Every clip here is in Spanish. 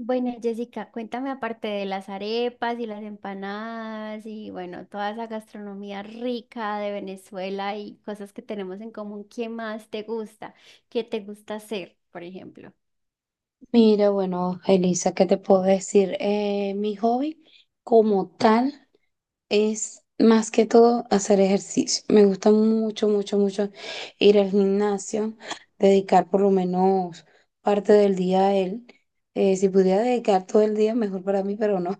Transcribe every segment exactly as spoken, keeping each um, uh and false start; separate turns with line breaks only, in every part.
Bueno, Jessica, cuéntame aparte de las arepas y las empanadas y bueno, toda esa gastronomía rica de Venezuela y cosas que tenemos en común, ¿qué más te gusta? ¿Qué te gusta hacer, por ejemplo?
Mira, bueno, Elisa, ¿qué te puedo decir? Eh, mi hobby como tal es más que todo hacer ejercicio. Me gusta mucho, mucho, mucho ir al gimnasio, dedicar por lo menos parte del día a él. Eh, si pudiera dedicar todo el día, mejor para mí, pero no.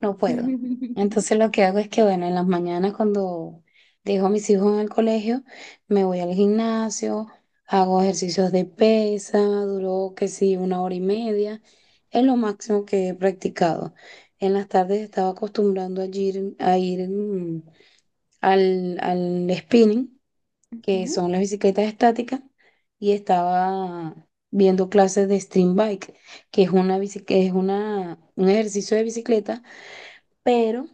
No puedo. Entonces lo que hago es que, bueno, en las mañanas cuando dejo a mis hijos en el colegio, me voy al gimnasio, hago ejercicios de pesa, duró que sí, una hora y media, es lo máximo que he practicado. En las tardes estaba acostumbrando a ir, a ir mm, al, al spinning, que
Ujú.
son las bicicletas estáticas, y estaba viendo clases de stream bike, que es una, bici- que es una, un ejercicio de bicicleta, pero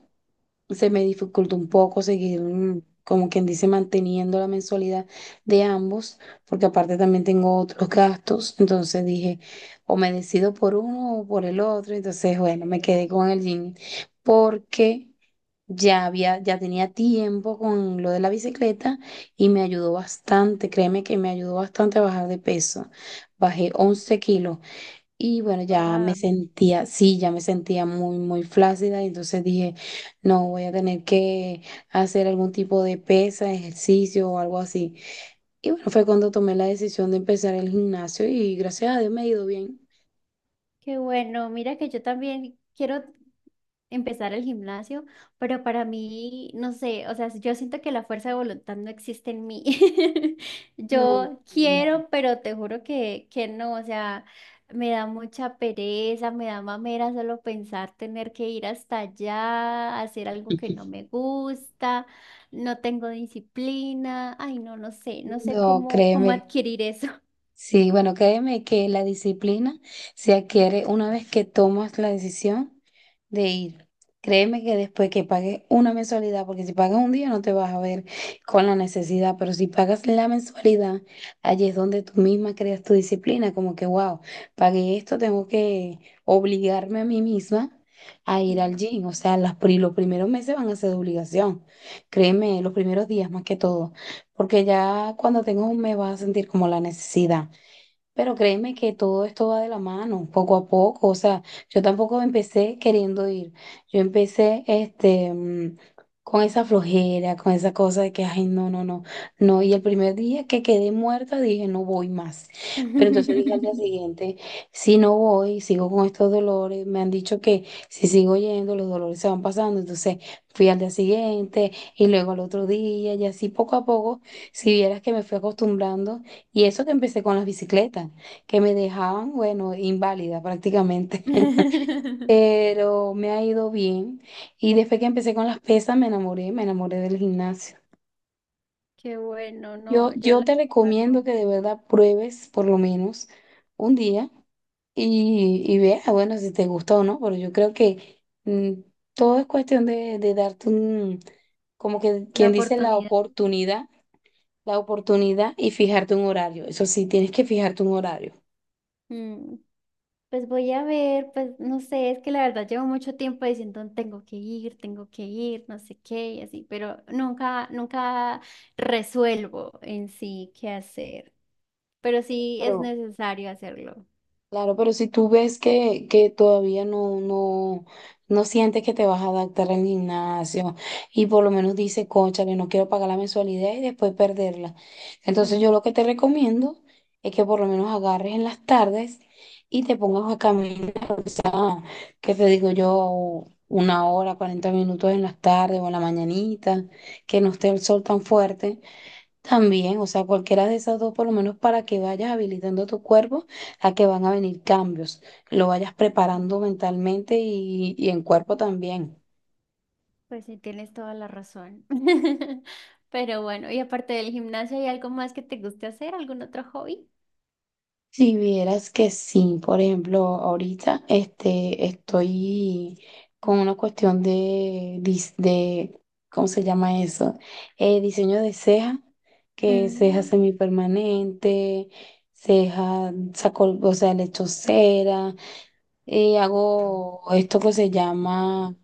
se me dificultó un poco seguir, mm, como quien dice, manteniendo la mensualidad de ambos, porque aparte también tengo otros gastos. Entonces dije, o me decido por uno o por el otro. Entonces bueno, me quedé con el gym porque ya había, ya tenía tiempo con lo de la bicicleta y me ayudó bastante, créeme que me ayudó bastante a bajar de peso. Bajé once kilos y bueno, ya me
Wow.
sentía, sí, ya me sentía muy, muy flácida, y entonces dije, no, voy a tener que hacer algún tipo de pesa, ejercicio o algo así. Y bueno, fue cuando tomé la decisión de empezar el gimnasio y gracias a Dios me ha ido bien.
Qué bueno, mira que yo también quiero empezar el gimnasio, pero para mí, no sé, o sea, yo siento que la fuerza de voluntad no existe en mí.
No,
Yo
no,
quiero, pero te juro que, que no, o sea, me da mucha pereza, me da mamera solo pensar tener que ir hasta allá, hacer algo que no me gusta, no tengo disciplina, ay, no, no sé, no sé
no,
cómo, cómo
créeme.
adquirir eso.
Sí, bueno, créeme que la disciplina se adquiere una vez que tomas la decisión de ir. Créeme que después que pagues una mensualidad, porque si pagas un día no te vas a ver con la necesidad, pero si pagas la mensualidad, allí es donde tú misma creas tu disciplina, como que, wow, pagué esto, tengo que obligarme a mí misma a ir al gym. O sea, las, pri- los primeros meses van a ser de obligación, créeme, los primeros días más que todo, porque ya cuando tengas un mes vas a sentir como la necesidad. Pero créeme que todo esto va de la mano, poco a poco. O sea, yo tampoco empecé queriendo ir. Yo empecé este, mm, con esa flojera, con esa cosa de que, ay, no, no, no, no. Y el primer día que quedé muerta dije, no voy más. Pero entonces dije al día siguiente, si no voy, sigo con estos dolores. Me han dicho que si sigo yendo, los dolores se van pasando. Entonces fui al día siguiente y luego al otro día y así poco a poco, si vieras que me fui acostumbrando. Y eso que empecé con las bicicletas, que me dejaban, bueno, inválida prácticamente. Pero me ha ido bien. Y después que empecé con las pesas, me enamoré, me enamoré del gimnasio.
Qué bueno,
Yo,
no, yo
yo
la
te
verdad no.
recomiendo que de verdad pruebes por lo menos un día y, y veas, bueno, si te gusta o no, pero yo creo que mm, todo es cuestión de, de darte un, como que
La
quien dice la
oportunidad.
oportunidad, la oportunidad, y fijarte un horario. Eso sí, tienes que fijarte un horario.
Mm, Pues voy a ver, pues no sé, es que la verdad llevo mucho tiempo diciendo tengo que ir, tengo que ir, no sé qué y así, pero nunca, nunca resuelvo en sí qué hacer, pero sí es
Pero
necesario hacerlo.
claro, pero si tú ves que, que todavía no, no, no sientes que te vas a adaptar al gimnasio y por lo menos dices, cónchale, no quiero pagar la mensualidad y después perderla. Entonces yo
Mm.
lo que te recomiendo es que por lo menos agarres en las tardes y te pongas a caminar, que te digo yo, una hora, cuarenta minutos en las tardes o en la mañanita, que no esté el sol tan fuerte también. O sea, cualquiera de esas dos, por lo menos para que vayas habilitando tu cuerpo a que van a venir cambios, lo vayas preparando mentalmente y, y en cuerpo también.
Pues sí, tienes toda la razón. Pero bueno, y aparte del gimnasio, ¿hay algo más que te guste hacer? ¿Algún otro hobby?
Si vieras que sí, por ejemplo, ahorita este, estoy con una cuestión de, dis- de ¿cómo se llama eso? Eh, diseño de ceja, que ceja
Mm.
semipermanente, ceja, saco, o sea, le echo cera. Eh, hago esto que se llama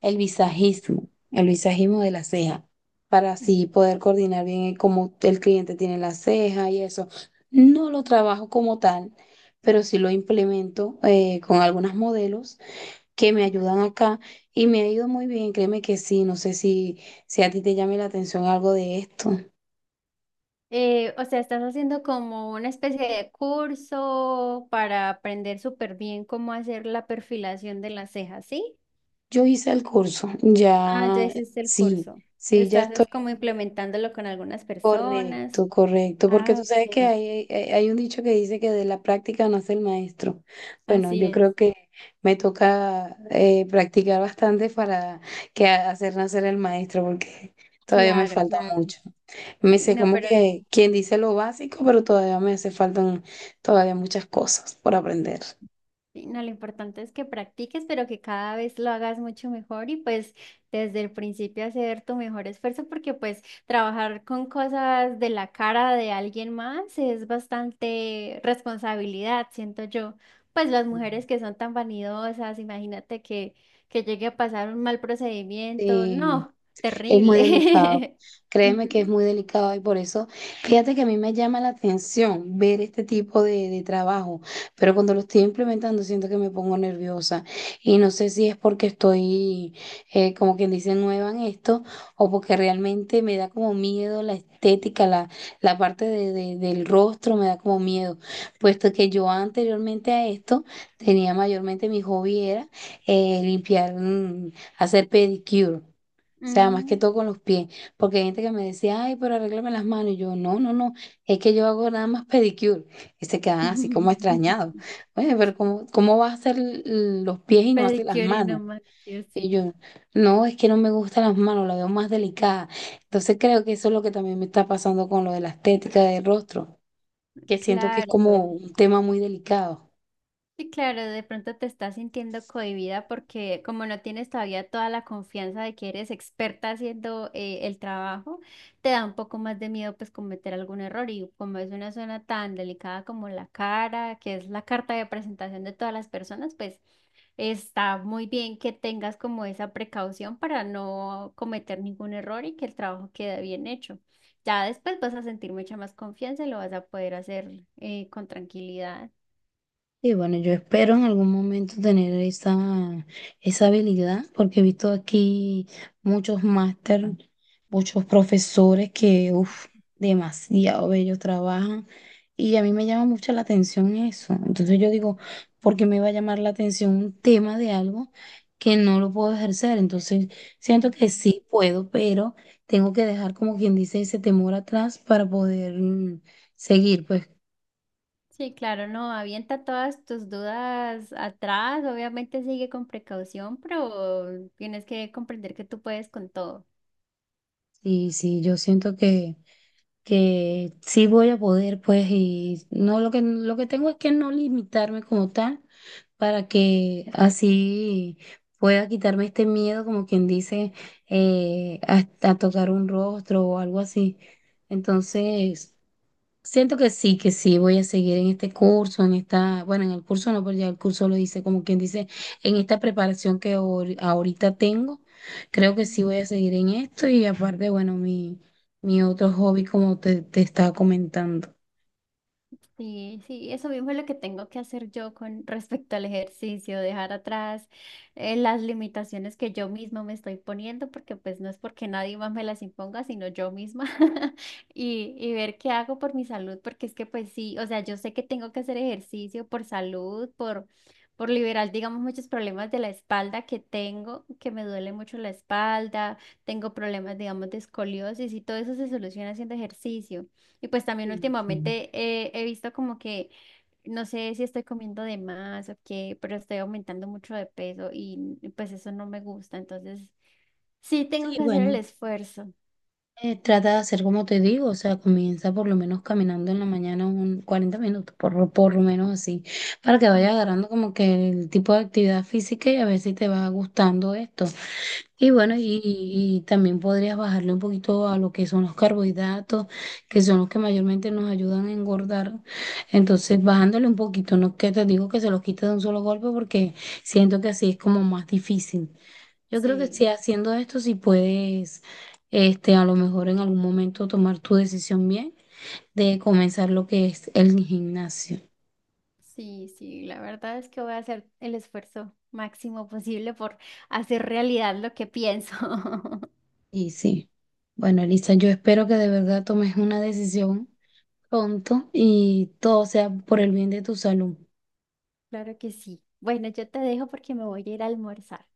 el visajismo, el visajismo de la ceja, para así poder coordinar bien el cómo el cliente tiene la ceja y eso. No lo trabajo como tal, pero sí lo implemento eh, con algunos modelos que me ayudan acá y me ha ido muy bien, créeme que sí. No sé si, si a ti te llame la atención algo de esto.
Eh, o sea, estás haciendo como una especie de curso para aprender súper bien cómo hacer la perfilación de las cejas, ¿sí?
Yo hice el curso,
Ah, ya
ya
hiciste el
sí,
curso.
sí, ya
Estás
estoy.
es como implementándolo con algunas personas.
Correcto, correcto, porque tú
Ah,
sabes que
ok.
hay, hay hay un dicho que dice que de la práctica nace el maestro. Bueno,
Así
yo
es.
creo que me toca eh, practicar bastante para que ha- hacer nacer el maestro, porque todavía me
Claro,
falta
claro.
mucho. Me
Sí,
sé
no,
como
pero
que quien dice lo básico, pero todavía me hace faltan todavía muchas cosas por aprender.
sí, no, lo importante es que practiques, pero que cada vez lo hagas mucho mejor y pues desde el principio hacer tu mejor esfuerzo porque pues trabajar con cosas de la cara de alguien más es bastante responsabilidad, siento yo. Pues las mujeres que son tan vanidosas, imagínate que, que llegue a pasar un mal procedimiento,
Sí,
no,
es muy delicado.
terrible.
Créeme que es
Ujú.
muy delicado y por eso, fíjate que a mí me llama la atención ver este tipo de, de trabajo, pero cuando lo estoy implementando siento que me pongo nerviosa y no sé si es porque estoy, eh, como quien dice, nueva en esto, o porque realmente me da como miedo la estética, la, la parte de- de- del rostro me da como miedo, puesto que yo anteriormente a esto tenía mayormente mi hobby era eh, limpiar, mm, hacer pedicure. O sea, más que
Mm.
todo con los pies, porque hay gente que me decía, ay, pero arréglame las manos. Y yo, no, no, no, es que yo hago nada más pedicure. Y se quedan así como extrañados. Oye, pero ¿cómo, cómo vas a hacer l- los pies y no haces las
Pedicure y no
manos?
manicure,
Y
sí,
yo, no, es que no me gustan las manos, la veo más delicada. Entonces creo que eso es lo que también me está pasando con lo de la estética del rostro, que siento que es como
claro.
un tema muy delicado.
Sí, claro, de pronto te estás sintiendo cohibida porque como no tienes todavía toda la confianza de que eres experta haciendo eh, el trabajo, te da un poco más de miedo pues cometer algún error y como es una zona tan delicada como la cara, que es la carta de presentación de todas las personas, pues está muy bien que tengas como esa precaución para no cometer ningún error y que el trabajo quede bien hecho. Ya después vas a sentir mucha más confianza y lo vas a poder hacer eh, con tranquilidad.
Y bueno, yo espero en algún momento tener esa, esa habilidad, porque he visto aquí muchos máster, muchos profesores que, uff, demasiado bellos trabajan. Y a mí me llama mucho la atención eso. Entonces yo digo, ¿por qué me va a llamar la atención un tema de algo que no lo puedo ejercer? Entonces siento que
Ujú.
sí puedo, pero tengo que dejar como quien dice ese temor atrás para poder mm, seguir. Pues,
Sí, claro, no, avienta todas tus dudas atrás, obviamente sigue con precaución, pero tienes que comprender que tú puedes con todo.
y sí, yo siento que que sí voy a poder, pues, y no, lo que lo que tengo es que no limitarme como tal, para que así pueda quitarme este miedo, como quien dice, eh, a, a tocar un rostro o algo así. Entonces, siento que sí, que sí, voy a seguir en este curso, en esta, bueno, en el curso no, pero ya el curso lo dice, como quien dice, en esta preparación que ahori- ahorita tengo, creo que sí voy a seguir en esto. Y aparte, bueno, mi, mi otro hobby, como te, te estaba comentando.
Sí, sí, eso mismo es lo que tengo que hacer yo con respecto al ejercicio, dejar atrás eh, las limitaciones que yo misma me estoy poniendo, porque pues no es porque nadie más me las imponga, sino yo misma, y, y ver qué hago por mi salud, porque es que pues sí, o sea, yo sé que tengo que hacer ejercicio por salud, por, por liberar, digamos, muchos problemas de la espalda que tengo, que me duele mucho la espalda, tengo problemas, digamos, de escoliosis y todo eso se soluciona haciendo ejercicio. Y pues también
Sí, sí.
últimamente eh, he visto como que, no sé si estoy comiendo de más o qué, pero estoy aumentando mucho de peso y y pues eso no me gusta. Entonces, sí tengo
Sí,
que hacer el
bueno.
esfuerzo.
Eh, trata de hacer como te digo, o sea, comienza por lo menos caminando en la mañana un cuarenta minutos, por, lo- por lo menos así, para que vaya
Mm.
agarrando como que el tipo de actividad física y a ver si te va gustando esto. Y bueno, y, y también podrías bajarle un poquito a lo que son los carbohidratos, que son los que mayormente nos ayudan a engordar. Entonces, bajándole un poquito, no es que te digo que se los quites de un solo golpe, porque siento que así es como más difícil. Yo creo que si
Sí,
haciendo esto, si puedes este, a lo mejor en algún momento tomar tu decisión bien de comenzar lo que es el gimnasio.
sí, sí. La verdad es que voy a hacer el esfuerzo máximo posible por hacer realidad lo que pienso.
Y sí, bueno, Elisa, yo espero que de verdad tomes una decisión pronto y todo sea por el bien de tu salud.
Claro que sí. Bueno, yo te dejo porque me voy a ir a almorzar.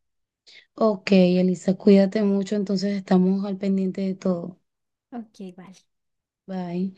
Ok, Elisa, cuídate mucho, entonces estamos al pendiente de todo.
Ok, vale.
Bye.